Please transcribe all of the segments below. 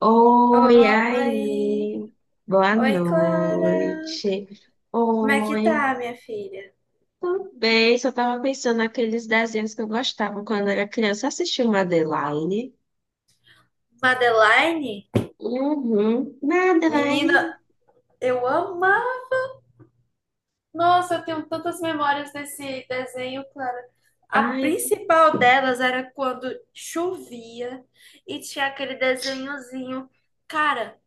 Oi, Oi, aí. Boa oi Clara. noite. Como é que tá, Oi. minha filha? Tudo bem? Só tava pensando naqueles desenhos que eu gostava quando era criança. Assistiu Madeline? Madeline? Uhum. Menina, Madeline. eu amo. Nossa, eu tenho tantas memórias desse desenho, Clara. A Ai, principal delas era quando chovia e tinha aquele desenhozinho. Cara,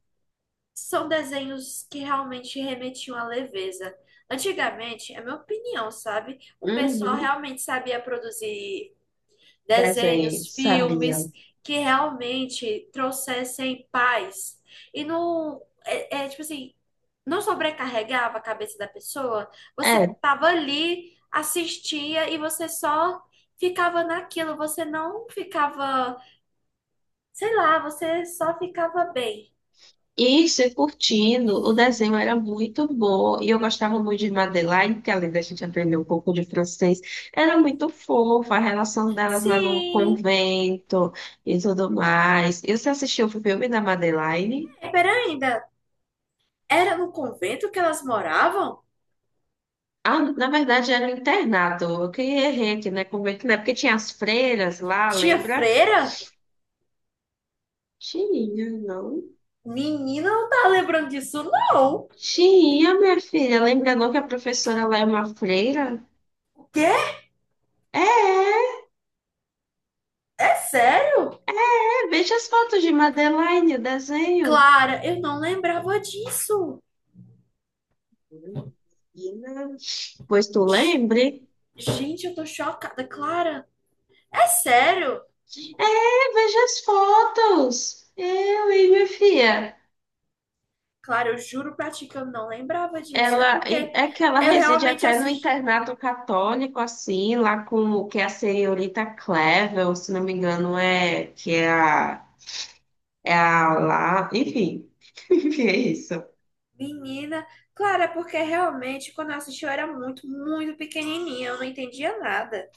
são desenhos que realmente remetiam à leveza. Antigamente, é minha opinião, sabe? O pessoal uhum. realmente sabia produzir Desenho, desenhos, sabia. filmes que realmente trouxessem paz e não tipo assim, não sobrecarregava a cabeça da pessoa. É, Você tava ali, assistia e você só ficava naquilo, você não ficava, sei lá, você só ficava bem. isso, e curtindo. O desenho era muito bom. E eu gostava muito de Madeleine, que além da gente aprender um pouco de francês, era muito fofa a relação delas lá no Sim, convento e tudo mais. E você assistiu o filme da Madeleine? é, peraí, ainda era no convento que elas moravam? Ah, na verdade era um internato. Eu que errei aqui, né? Convento, né? Porque tinha as freiras lá, Tinha lembra? freira? Tinha, não? Menina, não tá lembrando disso, não. Tinha, minha filha. Lembra não que a professora lá é uma freira? O quê? É, É sério? é. Veja as fotos de Madeleine, o desenho. Clara, eu não lembrava disso. Menina, pois tu Sh- lembre? Gente, eu tô chocada. Clara, é sério? É, veja as fotos. Eu e minha filha. Clara, eu juro pra ti que eu não lembrava disso. É Ela porque é que ela eu reside realmente até no assisti. internato católico, assim, lá com o que é a senhorita Clevel, se não me engano, é que é a, é a lá. Enfim, enfim, é isso. Menina, Clara, é porque realmente quando eu assisti eu era muito, muito pequenininha. Eu não entendia nada.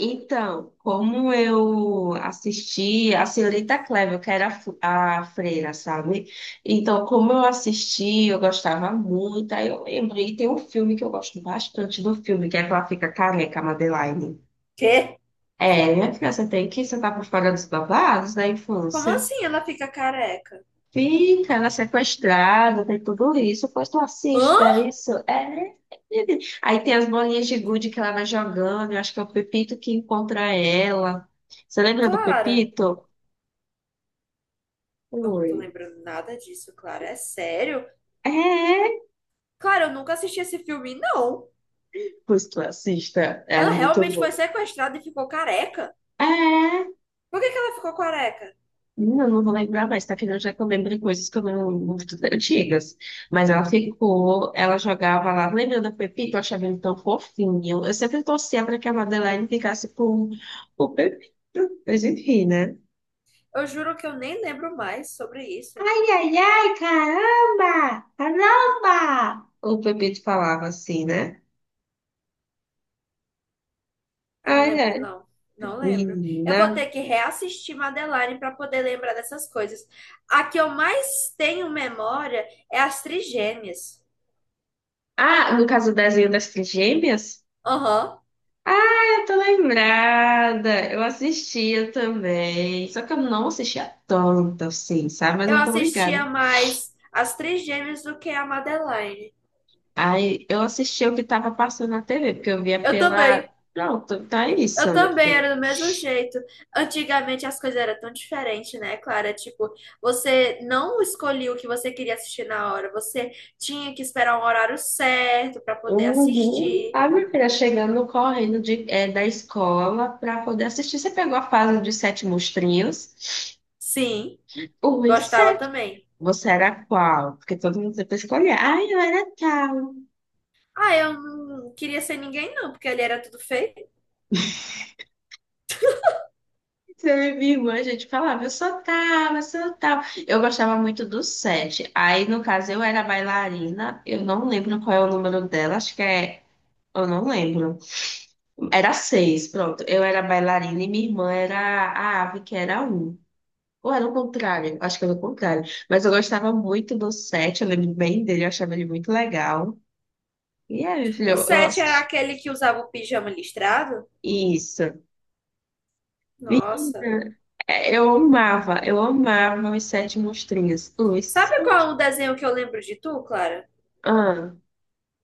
Então, como eu assisti a Senhorita Clévia, que era a freira, sabe? Então, como eu assisti, eu gostava muito. Aí eu lembrei, tem um filme que eu gosto bastante do filme, que é que ela fica careca, a Madeline. Quê? É, minha filha, você tá por fora dos babados da Como infância. assim ela fica careca? Fica, ela é sequestrada, tem tudo isso. Pois tu assiste, dá Hã? isso. É. Aí tem as bolinhas de gude que ela vai jogando. Eu acho que é o Pepito que encontra ela. Você lembra do Clara, Pepito? eu não Oi. tô lembrando nada disso, Clara. É sério? É. Clara, eu nunca assisti esse filme, não. Pois tu assista. É Ela muito realmente bom. foi sequestrada e ficou careca? É. Por que que ela ficou careca? Não, não vou lembrar mais, tá? Afinal, já que eu lembrei coisas que eu não muito antigas. Mas ela ficou, ela jogava lá. Lembra da Pepita? Eu achava ele tão fofinho. Eu sempre torcia para que a Madeline ficasse com o Pepito. Mas enfim, né? Eu juro que eu nem lembro mais sobre isso. Ai, ai, ai, caramba! Caramba! O Pepito falava assim, né? Eu não Ai, lembro, ai, não. Não lembro. Eu vou menina. ter que reassistir Madeline para poder lembrar dessas coisas. A que eu mais tenho memória é as Trigêmeas. Ah, no caso do desenho das trigêmeas. Aham. Ah, eu tô lembrada. Eu assistia também. Só que eu não assistia tanto, assim, sabe? Mas Eu eu tô assistia ligada. mais as Trigêmeas do que a Madeline. Aí eu assistia o que tava passando na TV, porque eu via Eu pela. também. Pronto, tá isso, Eu meu também filho. era do mesmo jeito. Antigamente as coisas eram tão diferentes, né, Clara? Tipo, você não escolhia o que você queria assistir na hora, você tinha que esperar um horário certo para poder Uhum. assistir. A minha filha chegando correndo de, é, da escola pra poder assistir. Você pegou a fase dos 7 monstrinhos? Sim, Um e gostava sete. também. Você era qual? Porque todo mundo sempre escolhia. Ah, eu era tal. Ah, eu não queria ser ninguém, não, porque ali era tudo feio. Você, é minha irmã, a gente falava, eu sou tal, eu sou tal. Eu gostava muito do 7. Aí, no caso, eu era bailarina, eu não lembro qual é o número dela, acho que é. Eu não lembro. Era 6, pronto. Eu era bailarina e minha irmã era a ave, que era um. Ou era o contrário? Acho que era o contrário. Mas eu gostava muito do sete, eu lembro bem dele, eu achava ele muito legal. E é, meu filho, O eu 7 era assisti. aquele que usava o pijama listrado. Isso. Nossa. Menina, é, eu amava os 7 monstrinhos. Os Sabe qual é o desenho que eu lembro de tu, Clara? Ah,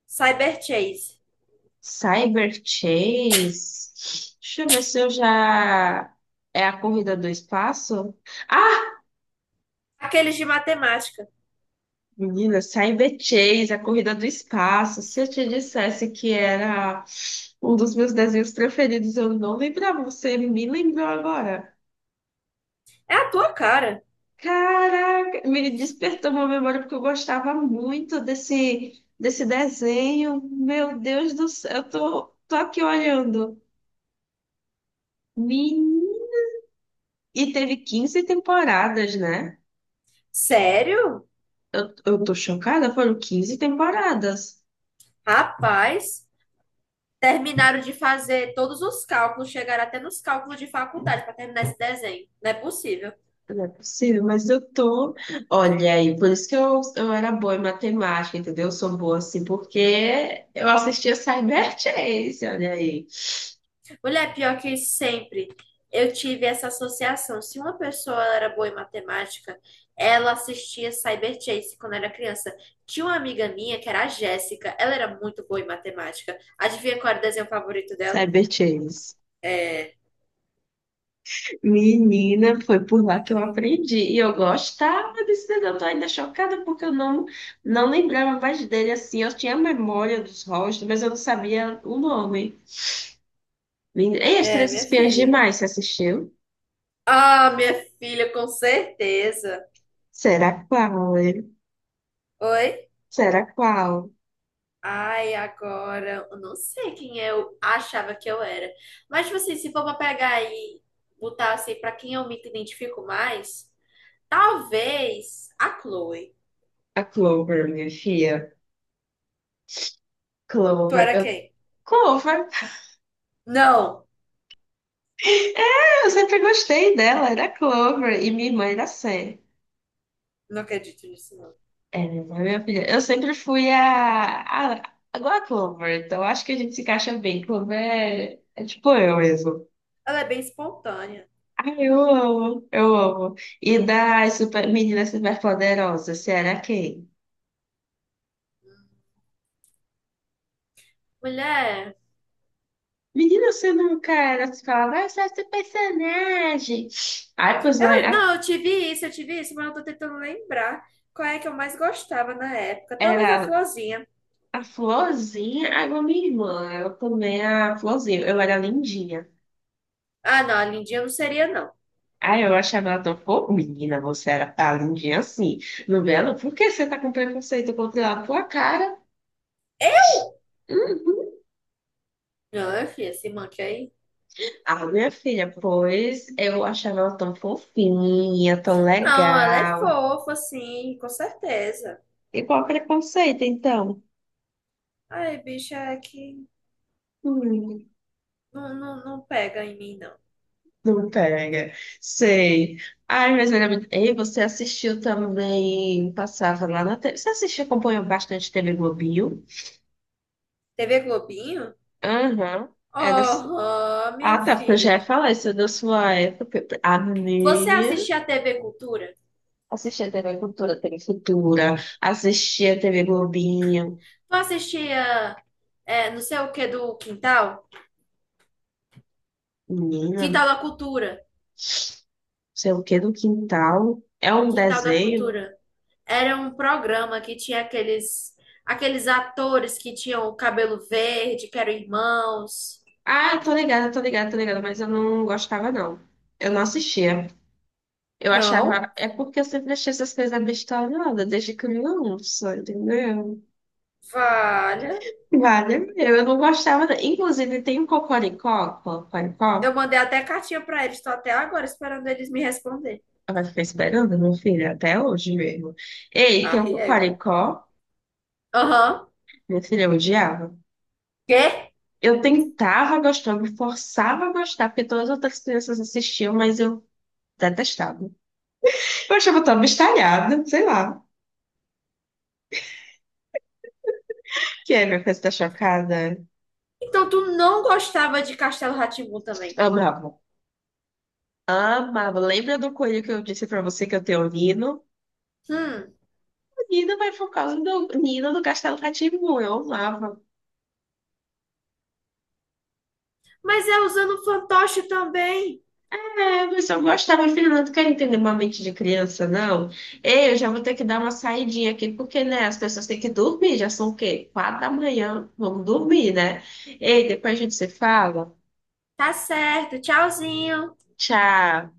Cyber Chase. Cyber Chase. Deixa eu ver se eu já. É a corrida do espaço? Ah, Aqueles de matemática. menina, Cyber Chase, a corrida do espaço. Se eu te dissesse que era um dos meus desenhos preferidos, eu não lembrava. Você me lembrou agora. É a tua cara. Caraca, me despertou uma memória porque eu gostava muito desse desenho. Meu Deus do céu, tô aqui olhando. Menina. E teve 15 temporadas, né? Sério? Eu tô chocada, foram 15 temporadas. Rapaz, terminaram de fazer todos os cálculos, chegaram até nos cálculos de faculdade para terminar esse desenho. Não é possível. Não é possível, mas eu tô. Olha aí, por isso que eu era boa em matemática, entendeu? Eu sou boa assim, porque eu assistia Cyberchase, olha aí. Mulher, pior que sempre eu tive essa associação. Se uma pessoa era boa em matemática, ela assistia Cyber Chase quando era criança. Tinha uma amiga minha que era a Jéssica, ela era muito boa em matemática. Adivinha qual era o desenho favorito dela? Cyberchase. É, Menina, foi por lá que eu aprendi. E eu gostava desse desenho. Eu tô ainda chocada porque eu não, não lembrava mais dele assim. Eu tinha memória dos rostos, mas eu não sabia o nome. Lindo. Ei, As é, Três minha Espiãs filha. Demais, você assistiu? Ah, minha filha, com certeza. Será qual, hein? Oi? Será qual? Ai, agora, eu não sei quem eu achava que eu era. Mas, tipo assim, se for pra pegar e botar assim, pra quem eu me identifico mais, talvez a Chloe. A Clover, minha filha. Tu Clover. era Eu... quem? Clover. Não, É, eu sempre gostei dela, era Clover. E minha irmã era Sam. não acredito nisso, não. É, minha filha. Eu sempre fui a... Igual a Clover, então acho que a gente se encaixa bem. Clover é tipo eu mesmo. Ela é bem espontânea. Ai, eu amo. E das super... meninas superpoderosas, será quem? Mulher, Menina, você nunca era, se falava, ah, você é esse personagem. Aí, pois lá, eu, a- não, eu tive isso, mas eu tô tentando lembrar qual é que eu mais gostava na época. Talvez a era Florzinha. a Florzinha, aí uma minha irmã, eu também é a Florzinha, eu era lindinha. Ah, não, a Lindinha não seria, não. Aí eu achava ela tão fofa, menina, você era tá lindinha assim, não vê ela? Por que você tá com preconceito contra ela? Tua cara. Uhum. Não, filha, se manque aí. Ah, minha filha, pois eu achava ela tão fofinha, tão Não, ela é legal. fofa, sim, com certeza. Igual preconceito, então. Ai, bicha, é que Hum. não, não, não pega em mim, não. Não pega. Sei. Ai, mas meu amigo, ei, você assistiu também, passava lá na TV. Você assistiu, acompanhou bastante TV Globinho? TV Globinho? Aham. É da su- Oh, minha Ah, tá, porque eu já ia filha. falar isso é da sua época. A Você minha. assistia a TV Cultura? Assistia TV Cultura, TV Futura. Assistia TV Globinho. Tu assistia é, não sei o que do Quintal? Menina, Quintal da Cultura. sei o que do quintal. É um Quintal da desenho. Cultura. Era um programa que tinha aqueles, atores que tinham o cabelo verde, que eram irmãos. Ah, eu tô ligada, mas eu não gostava, não. Eu não assistia. Eu Não? achava. É porque eu sempre achei essas coisas abestalhadas, desde criança, entendeu? Valha. Vale, eu não gostava. Da- Inclusive, Eu cocoricó. mandei até cartinha pra eles. Tô até agora esperando eles me responder. Ela ficar esperando, meu filho, até hoje mesmo. Ei, Ah, tem um régua. cocoricó. Aham. Meu filho, eu odiava. Quê? Eu tentava gostar, eu me forçava a gostar, porque todas as outras crianças assistiam, mas eu detestava. Eu achava tão abestalhada, sei lá. Que é, minha coisa tá chocada. Então tu não gostava de Castelo rá também. Amava. Amava. Lembra do coelho que eu disse pra você que eu tenho lido? Hum, Nina vai por causa do Nina do Castelo rá eu amava. mas é usando fantoche também. É, mas eu gostava, filho, não quero entender uma mente de criança, não. Ei, eu já vou ter que dar uma saidinha aqui, porque, né, as pessoas têm que dormir, já são o quê? 4 da manhã, vamos dormir, né? Ei, depois a gente se fala. Tá certo, tchauzinho. Tchau.